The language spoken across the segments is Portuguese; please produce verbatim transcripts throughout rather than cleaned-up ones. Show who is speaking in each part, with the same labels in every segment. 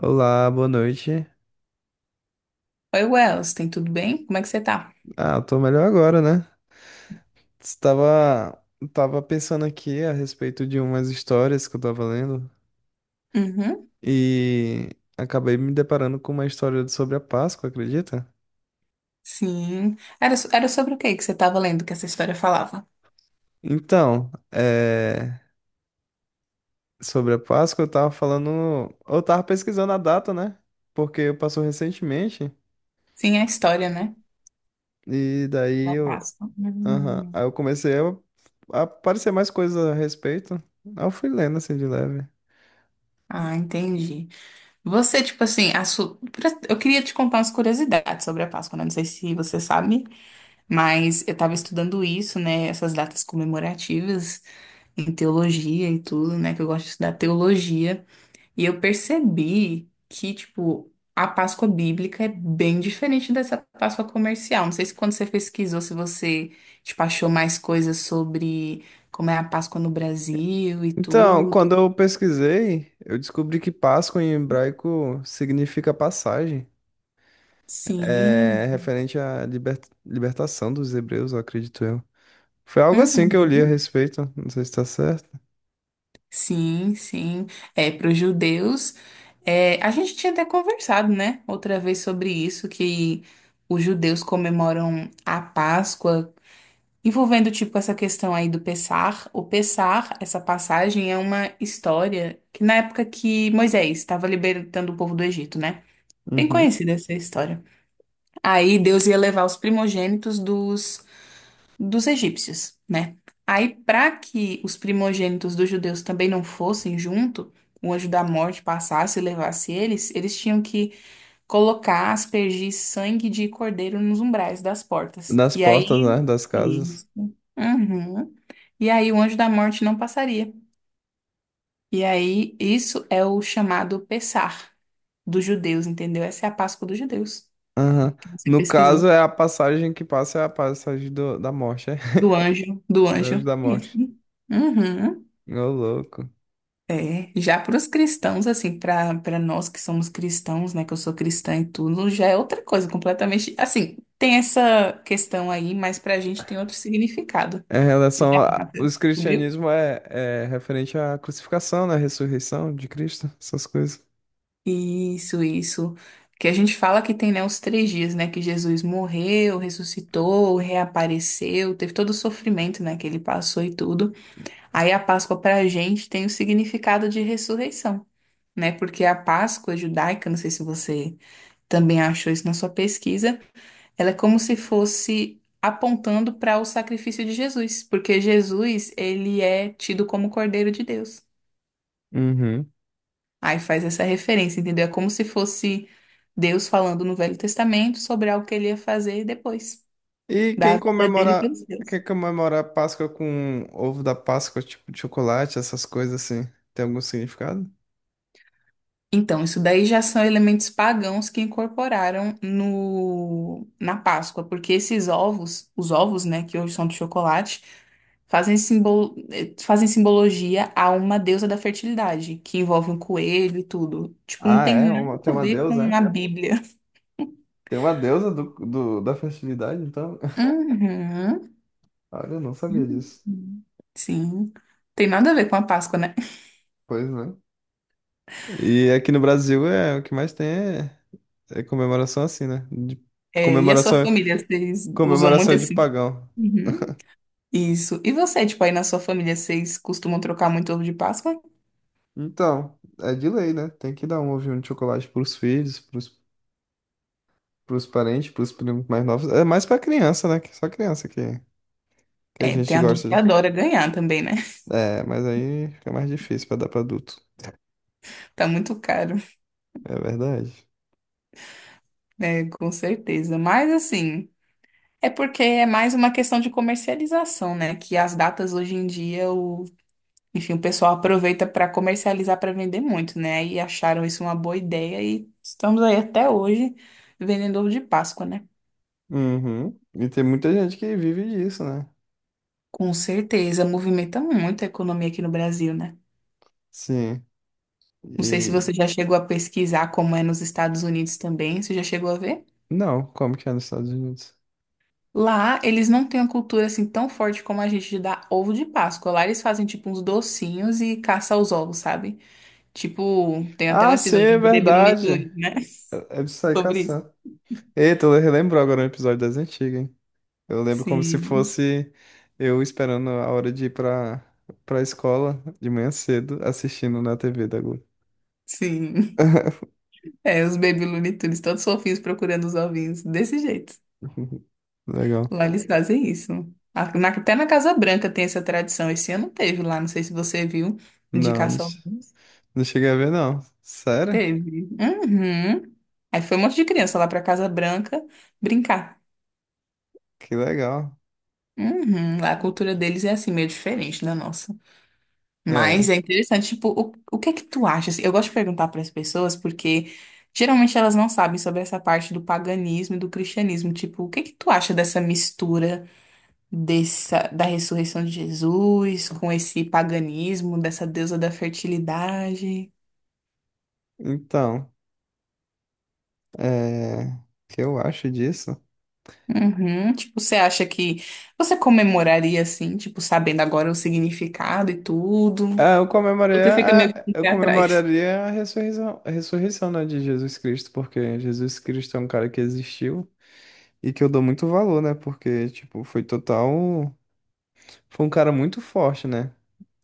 Speaker 1: Olá, boa noite.
Speaker 2: Oi, Wells, tem tudo bem? Como é que você tá?
Speaker 1: Ah, eu tô melhor agora, né? Estava, tava pensando aqui a respeito de umas histórias que eu tava lendo
Speaker 2: Uhum,
Speaker 1: e acabei me deparando com uma história sobre a Páscoa, acredita?
Speaker 2: sim. Era, so- era sobre o que que você estava lendo que essa história falava?
Speaker 1: Então, é, sobre a Páscoa eu tava falando, eu tava pesquisando a data, né? Porque passou recentemente
Speaker 2: Sim, é a história, né?
Speaker 1: e daí
Speaker 2: Da
Speaker 1: eu,
Speaker 2: Páscoa.
Speaker 1: aham,
Speaker 2: Hum.
Speaker 1: aí eu comecei a, a aparecer mais coisas a respeito. Aí eu fui lendo assim de leve.
Speaker 2: Ah, entendi. Você, tipo assim, a su- pra- eu queria te contar umas curiosidades sobre a Páscoa, né? Não sei se você sabe, mas eu estava estudando isso, né? Essas datas comemorativas em teologia e tudo, né? Que eu gosto de estudar teologia. E eu percebi que, tipo, a Páscoa bíblica é bem diferente dessa Páscoa comercial. Não sei se quando você pesquisou, se você, tipo, achou mais coisas sobre como é a Páscoa no Brasil e
Speaker 1: Então,
Speaker 2: tudo.
Speaker 1: quando eu pesquisei, eu descobri que Páscoa em hebraico significa passagem.
Speaker 2: Sim.
Speaker 1: É referente à liber- libertação dos hebreus, eu acredito eu. Foi algo assim que eu li a
Speaker 2: Uhum.
Speaker 1: respeito, não sei se tá certo.
Speaker 2: Sim, sim. É, para os judeus, é, a gente tinha até conversado, né, outra vez sobre isso, que os judeus comemoram a Páscoa envolvendo, tipo, essa questão aí do Pessar, o Pessar, essa passagem é uma história que na época que Moisés estava libertando o povo do Egito, né? Bem
Speaker 1: Uhum.
Speaker 2: conhecida essa história. Aí Deus ia levar os primogênitos dos, dos egípcios, né? Aí, para que os primogênitos dos judeus também não fossem junto, o anjo da morte passasse e levasse eles, eles tinham que colocar, aspergir sangue de cordeiro nos umbrais das portas.
Speaker 1: Das
Speaker 2: E
Speaker 1: portas,
Speaker 2: aí.
Speaker 1: né? Das casas.
Speaker 2: Isso. Uhum. E aí o anjo da morte não passaria. E aí isso é o chamado Pessach dos judeus, entendeu? Essa é a Páscoa dos judeus
Speaker 1: Aham.
Speaker 2: que você
Speaker 1: No caso,
Speaker 2: pesquisou.
Speaker 1: é a passagem que passa, é a passagem do- da morte, é?
Speaker 2: Do anjo, do
Speaker 1: Do anjo
Speaker 2: anjo.
Speaker 1: da
Speaker 2: Isso.
Speaker 1: morte.
Speaker 2: Uhum.
Speaker 1: Ô, louco.
Speaker 2: É, já para os cristãos, assim, para para nós que somos cristãos, né, que eu sou cristã e tudo, já é outra coisa completamente. Assim, tem essa questão aí, mas para a gente tem outro significado.
Speaker 1: Em
Speaker 2: Você
Speaker 1: relação
Speaker 2: já
Speaker 1: a... Os
Speaker 2: descobriu?
Speaker 1: cristianismo é, é referente à crucificação, né? Ressurreição de Cristo, essas coisas.
Speaker 2: Isso, isso. Que a gente fala que tem, né, os três dias, né, que Jesus morreu, ressuscitou, reapareceu, teve todo o sofrimento, né, que ele passou e tudo. Aí a Páscoa para a gente tem o significado de ressurreição, né, porque a Páscoa judaica, não sei se você também achou isso na sua pesquisa, ela é como se fosse apontando para o sacrifício de Jesus, porque Jesus, ele é tido como Cordeiro de Deus.
Speaker 1: Uhum.
Speaker 2: Aí faz essa referência, entendeu? É como se fosse Deus falando no Velho Testamento sobre algo que ele ia fazer depois,
Speaker 1: E
Speaker 2: da
Speaker 1: quem
Speaker 2: vida dele
Speaker 1: comemora,
Speaker 2: pelos
Speaker 1: quem
Speaker 2: seus.
Speaker 1: comemora a Páscoa com ovo da Páscoa, tipo de chocolate, essas coisas assim, tem algum significado?
Speaker 2: Então, isso daí já são elementos pagãos que incorporaram no, na Páscoa, porque esses ovos, os ovos, né, que hoje são de chocolate, fazem, simbol, eh, fazem simbologia a uma deusa da fertilidade, que envolve um coelho e tudo. Tipo, não
Speaker 1: Ah,
Speaker 2: tem
Speaker 1: é?
Speaker 2: nada
Speaker 1: Uma- tem
Speaker 2: a
Speaker 1: uma
Speaker 2: ver
Speaker 1: deusa,
Speaker 2: com a
Speaker 1: é?
Speaker 2: Bíblia.
Speaker 1: Tem uma deusa do, do- da festividade, então?
Speaker 2: Uhum.
Speaker 1: Olha, eu não sabia disso.
Speaker 2: Uhum. Sim. Tem nada a ver com a Páscoa, né?
Speaker 1: Pois né? E aqui no Brasil é o que mais tem é, é comemoração assim, né? De-
Speaker 2: É, e a sua
Speaker 1: comemoração,
Speaker 2: família, vocês usam muito
Speaker 1: comemoração de
Speaker 2: assim?
Speaker 1: pagão.
Speaker 2: Uhum. Isso. E você, tipo, aí na sua família, vocês costumam trocar muito ovo de Páscoa?
Speaker 1: Então, é de lei, né? Tem que dar um ovinho de chocolate pros filhos, pros, pros parentes, pros primos mais novos. É mais pra criança, né? Que só criança que, que a
Speaker 2: É, tem
Speaker 1: gente
Speaker 2: adulto
Speaker 1: gosta.
Speaker 2: que
Speaker 1: de-
Speaker 2: adora ganhar também, né?
Speaker 1: É, mas aí fica mais difícil pra dar pra adulto.
Speaker 2: Tá muito caro,
Speaker 1: É verdade.
Speaker 2: né? Com certeza. Mas assim, é porque é mais uma questão de comercialização, né? Que as datas hoje em dia, o enfim, o pessoal aproveita para comercializar para vender muito, né? E acharam isso uma boa ideia e estamos aí até hoje vendendo ovo de Páscoa, né?
Speaker 1: Uhum. E tem muita gente que vive disso, né?
Speaker 2: Com certeza, movimenta muito a economia aqui no Brasil, né?
Speaker 1: Sim.
Speaker 2: Não sei se
Speaker 1: E.
Speaker 2: você já chegou a pesquisar como é nos Estados Unidos também. Você já chegou a ver?
Speaker 1: Não, como que é nos Estados Unidos?
Speaker 2: Lá, eles não têm uma cultura assim tão forte como a gente de dar ovo de Páscoa. Lá eles fazem tipo uns docinhos e caça os ovos, sabe? Tipo, tem até um
Speaker 1: Ah, sim,
Speaker 2: episódio
Speaker 1: é
Speaker 2: de Baby Looney
Speaker 1: verdade.
Speaker 2: Tunes, né?
Speaker 1: É de sair
Speaker 2: Sobre isso.
Speaker 1: caçando. Eita, eu relembro agora um episódio das antigas, hein? Eu lembro como se
Speaker 2: Sim,
Speaker 1: fosse eu esperando a hora de ir pra, pra escola de manhã cedo, assistindo na T V da Globo.
Speaker 2: sim. É, os Baby Looney Tunes, todos fofinhos procurando os ovinhos, desse jeito.
Speaker 1: Legal.
Speaker 2: Lá eles fazem isso. A- na- Até na Casa Branca tem essa tradição. Esse ano teve lá, não sei se você viu, de
Speaker 1: Não, não,
Speaker 2: caça aos
Speaker 1: che-
Speaker 2: ovos.
Speaker 1: não cheguei a ver, não. Sério?
Speaker 2: Teve. Uhum. Aí foi um monte de criança lá pra Casa Branca brincar.
Speaker 1: Que legal.
Speaker 2: Uhum. Lá a cultura deles é assim, meio diferente da nossa. Mas
Speaker 1: É,
Speaker 2: é interessante, tipo, o, o que é que tu acha assim? Eu gosto de perguntar para as pessoas porque geralmente elas não sabem sobre essa parte do paganismo e do cristianismo. Tipo, o que é que tu acha dessa mistura dessa, da ressurreição de Jesus com esse paganismo, dessa deusa da fertilidade?
Speaker 1: então, é, o que eu acho disso?
Speaker 2: Uhum. Tipo, você acha que você comemoraria assim, tipo, sabendo agora o significado e tudo?
Speaker 1: Ah, eu
Speaker 2: Você
Speaker 1: comemoraria
Speaker 2: fica meio que
Speaker 1: a,
Speaker 2: com o
Speaker 1: eu
Speaker 2: pé atrás.
Speaker 1: comemoraria a ressurreição, a ressurreição, né, de Jesus Cristo, porque Jesus Cristo é um cara que existiu e que eu dou muito valor, né, porque, tipo, foi total. Foi um cara muito forte, né?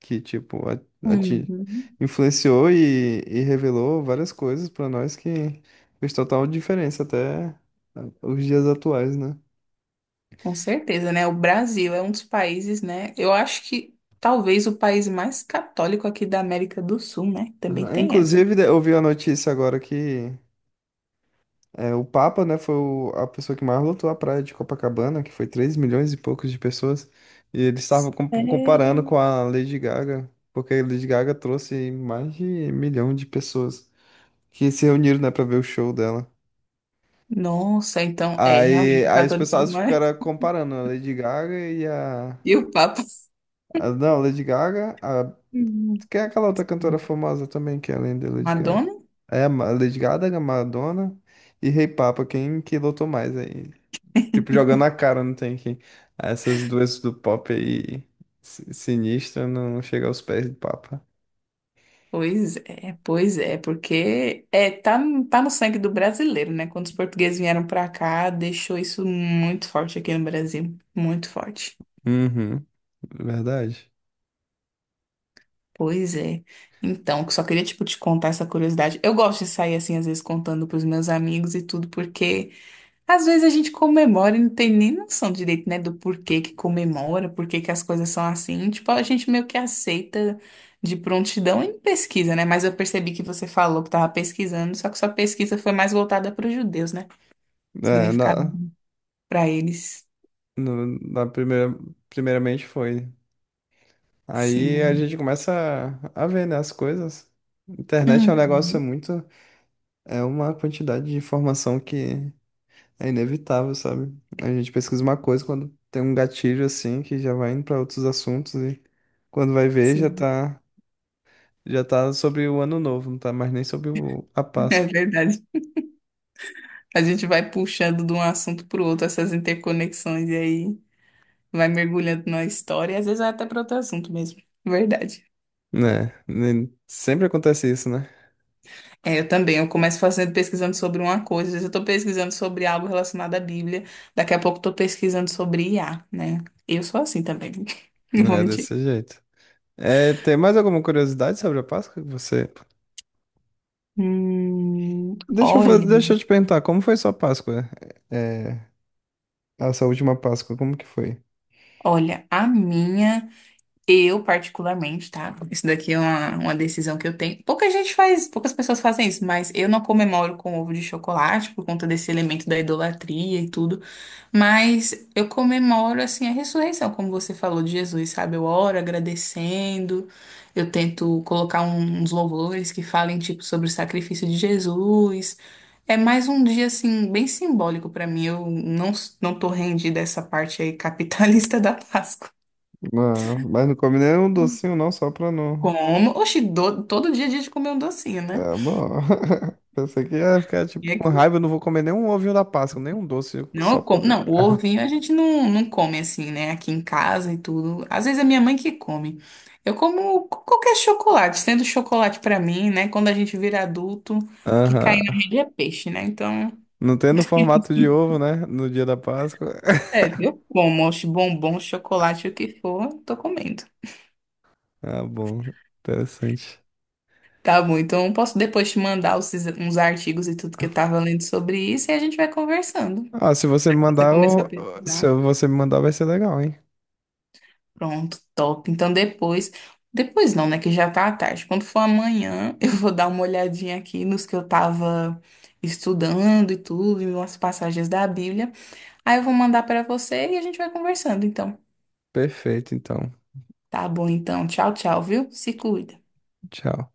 Speaker 1: Que, tipo, a, a ti-
Speaker 2: Uhum.
Speaker 1: influenciou e, e revelou várias coisas pra nós que fez total diferença até os dias atuais, né?
Speaker 2: Com certeza, né? O Brasil é um dos países, né? Eu acho que talvez o país mais católico aqui da América do Sul, né? Também
Speaker 1: Aham.
Speaker 2: tem essa.
Speaker 1: Inclusive, de- eu vi a notícia agora que é, o Papa, né, foi o- a pessoa que mais lotou a praia de Copacabana, que foi três milhões e poucos de pessoas, e eles estavam com- comparando com
Speaker 2: Sério?
Speaker 1: a Lady Gaga, porque a Lady Gaga trouxe mais de um milhão de pessoas que se reuniram, né, pra ver o show dela.
Speaker 2: Nossa, então é
Speaker 1: Aí,
Speaker 2: realmente o
Speaker 1: aí os pessoas
Speaker 2: catolicismo é-
Speaker 1: ficaram comparando a Lady Gaga e a,
Speaker 2: e o Papa.
Speaker 1: a- não, a Lady Gaga, a,
Speaker 2: Uhum.
Speaker 1: quem é aquela outra cantora famosa também que é além da Lady Gaga?
Speaker 2: Madonna?
Speaker 1: É, a Ma- Lady Gaga, Madonna e Rei Papa, quem que lotou mais aí? Tipo, jogando a cara, não tem quem. Essas duas do pop aí, si- sinistra, não chega aos pés do Papa.
Speaker 2: Pois é, pois é, porque é, tá, tá no sangue do brasileiro, né? Quando os portugueses vieram pra cá, deixou isso muito forte aqui no Brasil, muito forte.
Speaker 1: Uhum, verdade.
Speaker 2: Pois é. Então, só queria, tipo, te contar essa curiosidade. Eu gosto de sair, assim, às vezes contando pros meus amigos e tudo, porque às vezes a gente comemora e não tem nem noção direito, né, do porquê que comemora, porquê que as coisas são assim. Tipo, a gente meio que aceita de prontidão e pesquisa, né? Mas eu percebi que você falou que tava pesquisando, só que sua pesquisa foi mais voltada para os judeus, né?
Speaker 1: É,
Speaker 2: Significado
Speaker 1: na,
Speaker 2: para eles,
Speaker 1: no- na primeira, primeiramente foi. Aí a
Speaker 2: sim.
Speaker 1: gente começa a, a ver, né, as coisas. Internet é um negócio
Speaker 2: Uhum,
Speaker 1: muito. É uma quantidade de informação que é inevitável, sabe? A gente pesquisa uma coisa quando tem um gatilho assim que já vai indo pra outros assuntos e quando vai ver já
Speaker 2: sim,
Speaker 1: tá, já tá sobre o ano novo, não tá mais nem sobre o- a
Speaker 2: é
Speaker 1: Páscoa.
Speaker 2: verdade. A gente vai puxando de um assunto para o outro essas interconexões e aí vai mergulhando na história e às vezes vai até para outro assunto mesmo. Verdade.
Speaker 1: Né? nem- Sempre acontece isso, né?
Speaker 2: É, eu também. Eu começo fazendo pesquisando sobre uma coisa, às vezes eu tô pesquisando sobre algo relacionado à Bíblia, daqui a pouco eu tô pesquisando sobre I A, né? Eu sou assim também, não
Speaker 1: Não
Speaker 2: vou
Speaker 1: é
Speaker 2: mentir.
Speaker 1: desse jeito. É, tem mais alguma curiosidade sobre a Páscoa que você.
Speaker 2: Hum,
Speaker 1: Deixa eu,
Speaker 2: olha,
Speaker 1: faz- deixa eu te perguntar, como foi sua Páscoa? É, essa última Páscoa, como que foi?
Speaker 2: olha, a minha. Eu, particularmente, tá? Isso daqui é uma, uma decisão que eu tenho. Pouca gente faz, poucas pessoas fazem isso, mas eu não comemoro com ovo de chocolate por conta desse elemento da idolatria e tudo. Mas eu comemoro, assim, a ressurreição, como você falou de Jesus, sabe? Eu oro agradecendo, eu tento colocar um- uns louvores que falem, tipo, sobre o sacrifício de Jesus. É mais um dia, assim, bem simbólico pra mim. Eu não, não tô rendida a essa parte aí capitalista da Páscoa.
Speaker 1: Ah, mas não comi nem um docinho, não, só pra não.
Speaker 2: Como? Oxi, do- todo dia a gente come um docinho, né?
Speaker 1: É bom. Pensei que ia ficar
Speaker 2: E
Speaker 1: tipo
Speaker 2: é
Speaker 1: com
Speaker 2: que-
Speaker 1: raiva, eu não vou comer nem um ovinho da Páscoa, nem um doce,
Speaker 2: Não,
Speaker 1: só
Speaker 2: eu
Speaker 1: por.
Speaker 2: como. Não, o ovinho a gente não, não come assim, né? Aqui em casa e tudo. Às vezes é minha mãe que come. Eu como co- qualquer chocolate, sendo chocolate pra mim, né? Quando a gente vira adulto, o que cai
Speaker 1: Aham.
Speaker 2: na rede é peixe, né? Então,
Speaker 1: Não tem no formato de ovo, né? No dia da Páscoa.
Speaker 2: é, eu como, oxe, bombom, chocolate, o que for, tô comendo.
Speaker 1: Ah, bom. Interessante.
Speaker 2: Tá bom, então eu posso depois te mandar os- uns artigos e tudo que eu tava lendo sobre isso e a gente vai conversando.
Speaker 1: Ah, se você me
Speaker 2: Você
Speaker 1: mandar,
Speaker 2: começou a
Speaker 1: eu- se
Speaker 2: pesquisar.
Speaker 1: você me mandar, vai ser legal, hein?
Speaker 2: Pronto, top. Então depois, depois não, né, que já tá à tarde. Quando for amanhã, eu vou dar uma olhadinha aqui nos que eu tava estudando e tudo, e umas passagens da Bíblia. Aí eu vou mandar pra você e a gente vai conversando, então.
Speaker 1: Perfeito, então.
Speaker 2: Tá bom, então. Tchau, tchau, viu? Se cuida.
Speaker 1: Tchau.